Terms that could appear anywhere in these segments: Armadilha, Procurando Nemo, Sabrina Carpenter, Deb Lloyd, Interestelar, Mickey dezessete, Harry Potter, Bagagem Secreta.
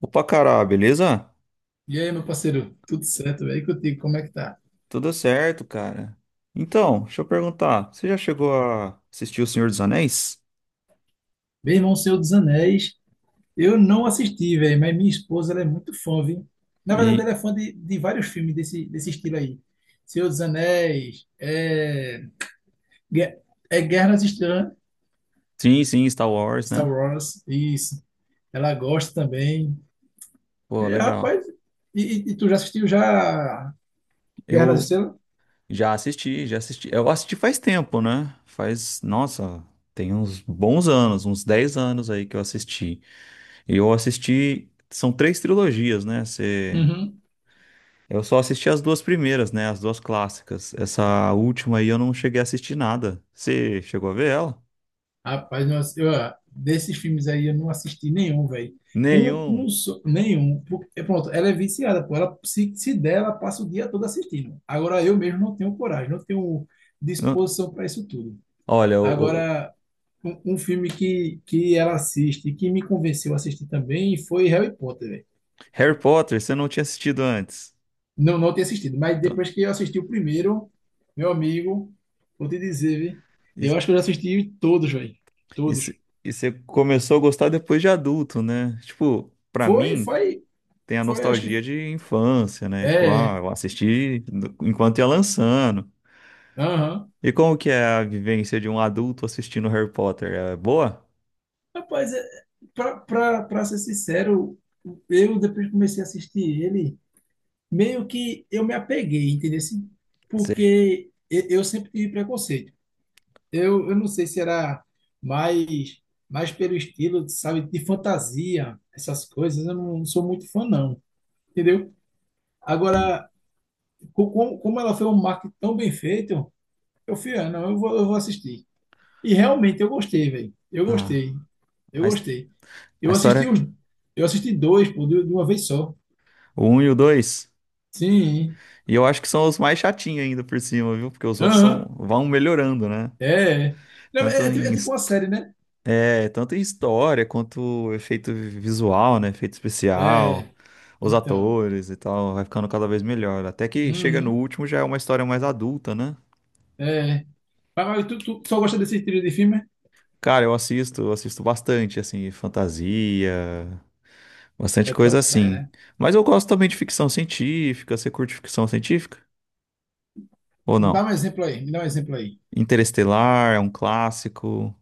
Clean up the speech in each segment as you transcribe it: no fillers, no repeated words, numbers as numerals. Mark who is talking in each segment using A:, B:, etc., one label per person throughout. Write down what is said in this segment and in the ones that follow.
A: Opa, cara, beleza?
B: E aí, meu parceiro, tudo certo, velho? E contigo, como é que tá?
A: Tudo certo, cara. Então, deixa eu perguntar, você já chegou a assistir O Senhor dos Anéis?
B: Meu irmão, Senhor dos Anéis, eu não assisti, velho, mas minha esposa, ela é muito fã, viu? Na verdade,
A: E
B: ela é fã de vários filmes desse, estilo aí. Senhor dos Anéis Gue- é Guerra nas Estrelas,
A: sim, sim, Star Wars,
B: Star
A: né?
B: Wars, isso. Ela gosta também.
A: Pô,
B: É,
A: legal.
B: rapaz, e tu já assistiu já Guerra nas
A: Eu
B: Estrelas?
A: já assisti, já assisti. Eu assisti faz tempo, né? Nossa, tem uns bons anos, uns 10 anos aí que eu assisti. E eu assisti, são três trilogias, né? Você... Eu só assisti as duas primeiras, né? As duas clássicas. Essa última aí eu não cheguei a assistir nada. Você chegou a ver ela?
B: Rapaz, não ass- eu, ah, desses filmes aí eu não assisti nenhum, velho. Um
A: Nenhum.
B: só, nenhum. É pronto, ela é viciada, pô. Ela, se der, ela passa o dia todo assistindo. Agora eu mesmo não tenho coragem, não tenho
A: Não-
B: disposição para isso tudo.
A: Olha, o
B: Agora, um filme que ela assiste, que me convenceu a assistir também, foi Harry Potter, velho.
A: Harry Potter você não tinha assistido antes.
B: Não, não tinha assistido, mas
A: Então,
B: depois que eu assisti o primeiro, meu amigo, vou te dizer, viu?
A: e,
B: Eu acho que eu já assisti todos, velho.
A: e
B: Todos.
A: cê- e você começou a gostar depois de adulto, né? Tipo, pra
B: Foi,
A: mim,
B: foi.
A: tem a
B: Foi, acho
A: nostalgia
B: que
A: de infância, né? Tipo, ah,
B: é,
A: eu assisti enquanto ia lançando.
B: aham.
A: E como que é a vivência de um adulto assistindo Harry Potter? É boa?
B: Rapaz, pra ser sincero, eu depois que comecei a assistir ele, meio que eu me apeguei, entendeu? Assim.
A: Sei.
B: Porque eu sempre tive preconceito. Eu não sei se era mais, mais pelo estilo, sabe, de fantasia, essas coisas, eu não sou muito fã, não, entendeu? Agora, como ela foi um marketing tão bem feito, eu fui, ah, não, eu vou assistir. E realmente eu gostei, velho. Eu
A: Ah,
B: gostei. Eu
A: a, his-
B: gostei.
A: a
B: Eu assisti
A: história,
B: os. Eu assisti dois, pô, de uma vez só.
A: o 1 e o 2.
B: Sim.
A: E eu acho que são os mais chatinhos ainda por cima, viu? Porque os outros
B: Aham.
A: vão melhorando, né?
B: É. É. Não,
A: Tanto
B: É, é ti-
A: em,
B: é tipo
A: his-
B: uma série, né?
A: Tanto em história quanto efeito visual, né? Efeito especial,
B: É.
A: os
B: Então.
A: atores e tal, vai ficando cada vez melhor. Até que chega no
B: Uhum.
A: último já é uma história mais adulta, né?
B: É. Mas tu só gosta desse estilo de filme?
A: Cara, eu assisto bastante, assim, fantasia, bastante
B: É
A: coisa
B: tua praia,
A: assim.
B: né?
A: Mas eu gosto também de ficção científica. Você curte ficção científica? Ou
B: Me dá
A: não?
B: um exemplo aí. Me dá um exemplo aí.
A: Interestelar é um clássico.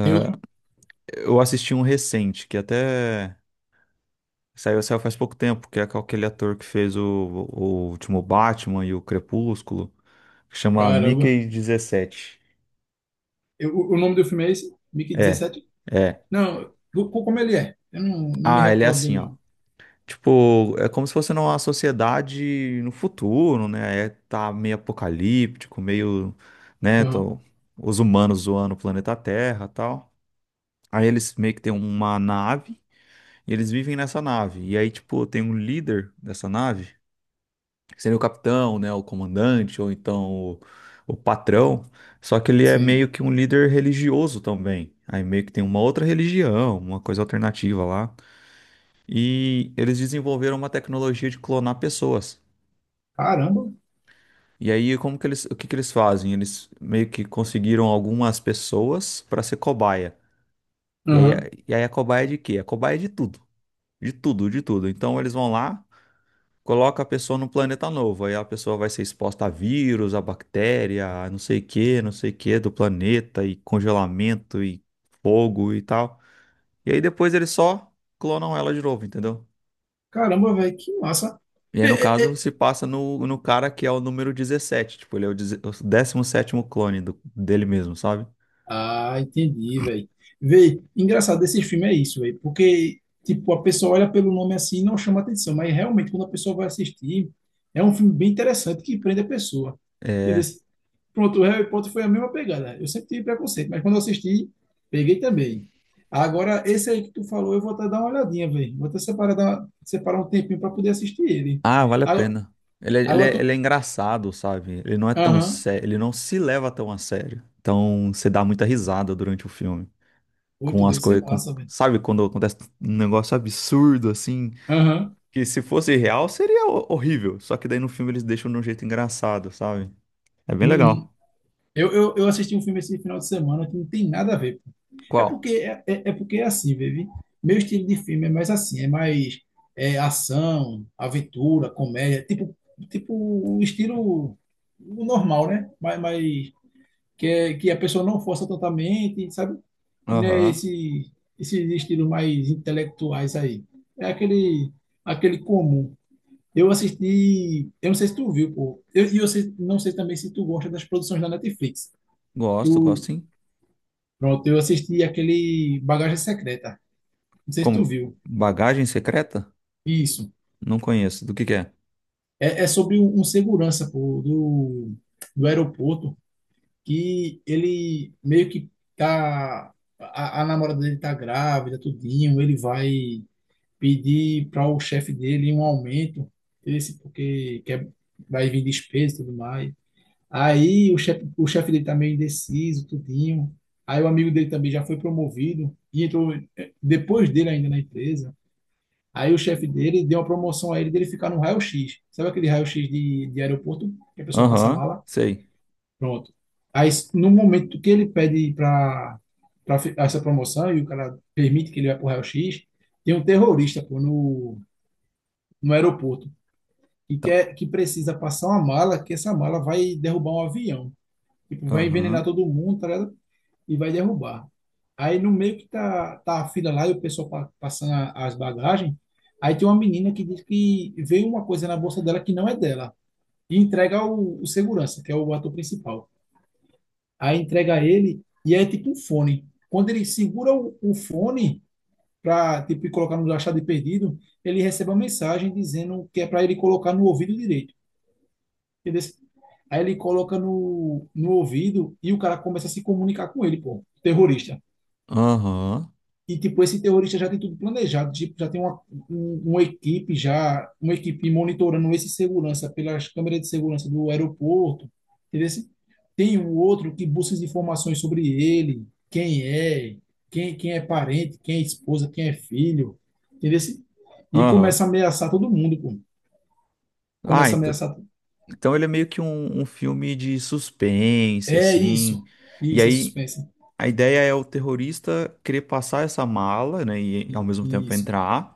B: Tem outro?
A: Eu assisti um recente, que até. Saiu faz pouco tempo, que é com aquele ator que fez o, último Batman e o Crepúsculo, que chama
B: Caramba.
A: Mickey 17.
B: O nome do filme é esse? Mickey
A: É,
B: dezessete
A: é.
B: Não. Como ele é? Eu não me
A: Ah, ele é
B: recordo dele,
A: assim, ó.
B: não.
A: Tipo, é como se fosse numa sociedade no futuro, né? É, tá meio apocalíptico, meio, né?
B: Aham.
A: Os humanos zoando o planeta Terra e tal. Aí eles meio que têm uma nave e eles vivem nessa nave. E aí, tipo, tem um líder dessa nave seria o capitão, né, o comandante ou então o, patrão, só que ele é
B: Sim.
A: meio que um líder religioso também. Aí meio que tem uma outra religião, uma coisa alternativa lá. E eles desenvolveram uma tecnologia de clonar pessoas.
B: Caramba.
A: E aí o que que eles fazem? Eles meio que conseguiram algumas pessoas para ser cobaia. E aí, a- e aí a cobaia é de quê? A cobaia é de tudo. De tudo, de tudo. Então eles vão lá coloca a pessoa num planeta novo. Aí a pessoa vai ser exposta a vírus, a bactéria, a não sei o que, não sei o que do planeta, e congelamento, e fogo e tal. E aí depois eles só clonam ela de novo, entendeu?
B: Caramba, velho, que massa.
A: E aí,
B: É,
A: no
B: é,
A: caso,
B: é.
A: se passa no, cara que é o número 17. Tipo, ele é o 17º clone dele mesmo, sabe?
B: Ah, entendi, velho. Véi, engraçado, esses filmes é isso, velho, porque, tipo, a pessoa olha pelo nome assim e não chama atenção, mas realmente, quando a pessoa vai assistir, é um filme bem interessante que prende a pessoa. Entendeu?
A: É.
B: Pronto, o Harry Potter foi a mesma pegada. Eu sempre tive preconceito, mas quando eu assisti, peguei também. Agora, esse aí que tu falou, eu vou até dar uma olhadinha, velho. Vou até separar, separar um tempinho para poder assistir ele.
A: Ah, vale a
B: Agora,
A: pena. Ele é, ele
B: agora,
A: é,
B: tu.
A: ele é engraçado, sabe? Ele não é tão
B: Aham.
A: sério, ele não se leva tão a sério. Então, você dá muita risada durante o filme.
B: Muito,
A: Com as
B: deve ser
A: coisas,
B: massa, velho.
A: sabe quando acontece um negócio absurdo assim,
B: Aham.
A: que se fosse real seria horrível, só que daí no filme eles deixam de um jeito engraçado, sabe? É bem
B: Hum,
A: legal.
B: eu assisti um filme esse final de semana que não tem nada a ver. É
A: Qual?
B: porque é, é, é porque é assim, baby. Meu estilo de filme é mais assim, é mais ação, aventura, comédia, tipo, tipo o estilo normal, né? Mas que a pessoa não força totalmente, sabe? Né?
A: Aham.
B: Esses estilos mais intelectuais aí. É aquele comum. Eu assisti, eu não sei se tu viu, pô. Eu, e eu sei- não sei também se tu gosta das produções da Netflix.
A: Gosto,
B: Tu,
A: gosto sim.
B: pronto, eu assisti aquele Bagagem Secreta. Não sei se tu
A: Como
B: viu.
A: Bagagem Secreta?
B: Isso.
A: Não conheço. Do que é?
B: É sobre um segurança, pô, do aeroporto, que ele meio que tá. A namorada dele tá grávida, tudinho. Ele vai pedir para o chefe dele um aumento, esse porque quer, vai vir despesa e tudo mais. Aí o chefe dele tá meio indeciso, tudinho. Aí o amigo dele também já foi promovido e entrou depois dele ainda na empresa. Aí o chefe dele deu uma promoção a ele dele ficar no raio-x. Sabe aquele raio-x de aeroporto que a pessoa passa a
A: Aham,
B: mala?
A: sei.
B: Pronto. Aí no momento que ele pede para essa promoção e o cara permite que ele vá pro raio-x, tem um terrorista, pô, no aeroporto, que
A: Então,
B: quer, que precisa passar uma mala, que essa mala vai derrubar um avião. Tipo, vai envenenar
A: aham,
B: todo mundo, tá ligado? E vai derrubar. Aí no meio que tá a fila lá e o pessoal passando as bagagens, aí tem uma menina que diz que veio uma coisa na bolsa dela que não é dela. E entrega o segurança, que é o ator principal. Aí entrega ele e é tipo um fone. Quando ele segura o fone para, tipo, colocar no achado de perdido, ele recebe uma mensagem dizendo que é para ele colocar no ouvido direito. Entendeu? Aí ele coloca no ouvido e o cara começa a se comunicar com ele, pô, terrorista.
A: aham,
B: E, tipo, esse terrorista já tem tudo planejado, tipo, já tem uma equipe monitorando esse segurança pelas câmeras de segurança do aeroporto, entendeu? Tem um outro que busca as informações sobre ele, quem é, quem é parente, quem é esposa, quem é filho, entendeu? E começa
A: aham.
B: a ameaçar todo mundo, pô.
A: Ah,
B: Começa a
A: então,
B: ameaçar.
A: então ele é meio que um filme de suspense,
B: É
A: assim.
B: isso,
A: E
B: isso, é
A: aí,
B: suspense.
A: a ideia é o terrorista querer passar essa mala, né, e ao mesmo tempo
B: Isso.
A: entrar,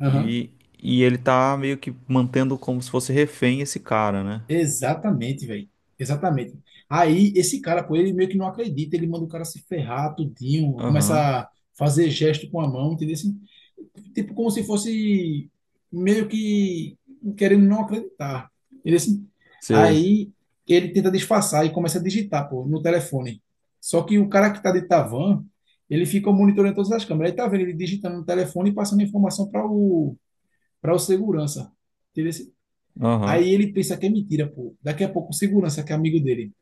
B: Aham.
A: e, e ele tá meio que mantendo como se fosse refém esse cara, né?
B: Exatamente, velho. Exatamente. Aí, esse cara, pô, ele meio que não acredita, ele manda o cara se ferrar tudinho,
A: Aham,
B: começa a fazer gesto com a mão, entendeu? Assim, tipo, como se fosse meio que querendo não acreditar. Entendeu? Assim,
A: sei.
B: aí ele tenta disfarçar e começa a digitar, pô, no telefone. Só que o cara que tá de Tavan, ele fica monitorando todas as câmeras. Aí tá vendo ele digitando no telefone e passando informação para o segurança. Entendeu? Assim, aí
A: Aham,
B: ele pensa que é mentira, pô. Daqui a pouco o segurança, que é amigo dele,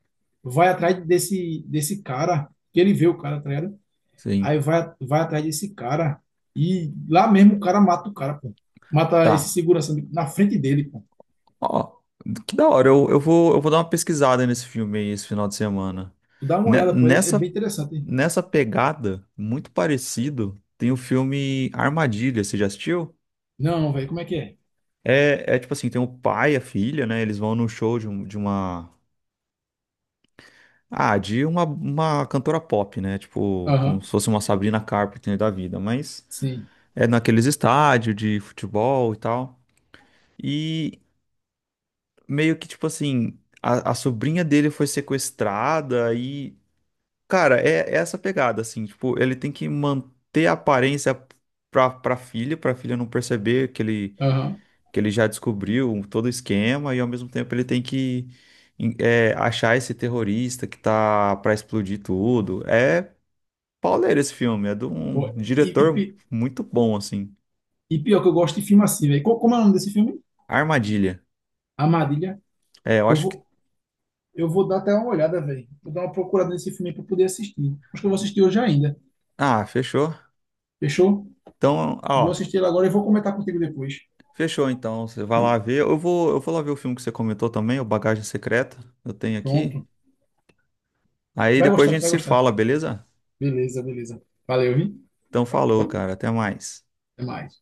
B: vai atrás desse cara, que ele vê o cara, tá ligado?
A: sim.
B: Aí vai atrás desse cara e lá mesmo o cara mata o cara, pô. Mata esse
A: Tá.
B: segurança na frente dele, pô.
A: Ó, que da hora, eu vou dar uma pesquisada nesse filme aí esse final de semana.
B: Tu dá uma
A: Ne-
B: olhada, pô, é bem
A: Nessa,
B: interessante. Hein?
A: nessa pegada, muito parecido, tem o filme Armadilha, você já assistiu?
B: Não, velho, como é que é?
A: É tipo assim, tem o pai e a filha, né? Eles vão num show de, um- de uma Ah, de uma cantora pop, né? Tipo, como
B: Aham,
A: se fosse uma Sabrina Carpenter da vida, mas
B: sim,
A: é naqueles estádios de futebol e tal. E meio que, tipo assim, a sobrinha dele foi sequestrada e, cara, é essa pegada, assim, tipo, ele tem que manter a aparência pra filha não perceber que ele,
B: aham.
A: que ele já descobriu todo o esquema e ao mesmo tempo ele tem que. Achar esse terrorista que tá pra explodir tudo. É pauleira esse filme. É de um
B: Pô, e, e
A: diretor
B: pi-
A: muito bom, assim.
B: e pior que eu gosto de filme assim, velho. Como é o nome desse filme?
A: Armadilha.
B: Armadilha.
A: É, eu
B: Eu
A: acho que.
B: vou, eu vou dar até uma olhada, velho. Vou dar uma procurada nesse filme aí pra poder assistir. Acho que eu vou assistir hoje ainda.
A: Ah, fechou.
B: Fechou?
A: Então,
B: Vou
A: ó,
B: assistir ele agora e vou comentar contigo depois.
A: fechou então. Você vai
B: Viu?
A: lá ver. Eu vou lá ver o filme que você comentou também, o Bagagem Secreta. Eu tenho aqui.
B: Pronto.
A: Aí
B: Vai
A: depois a
B: gostar, tu
A: gente
B: vai
A: se
B: gostar.
A: fala, beleza?
B: Beleza, beleza. Valeu, vi?
A: Então falou, cara. Até mais.
B: Até mais.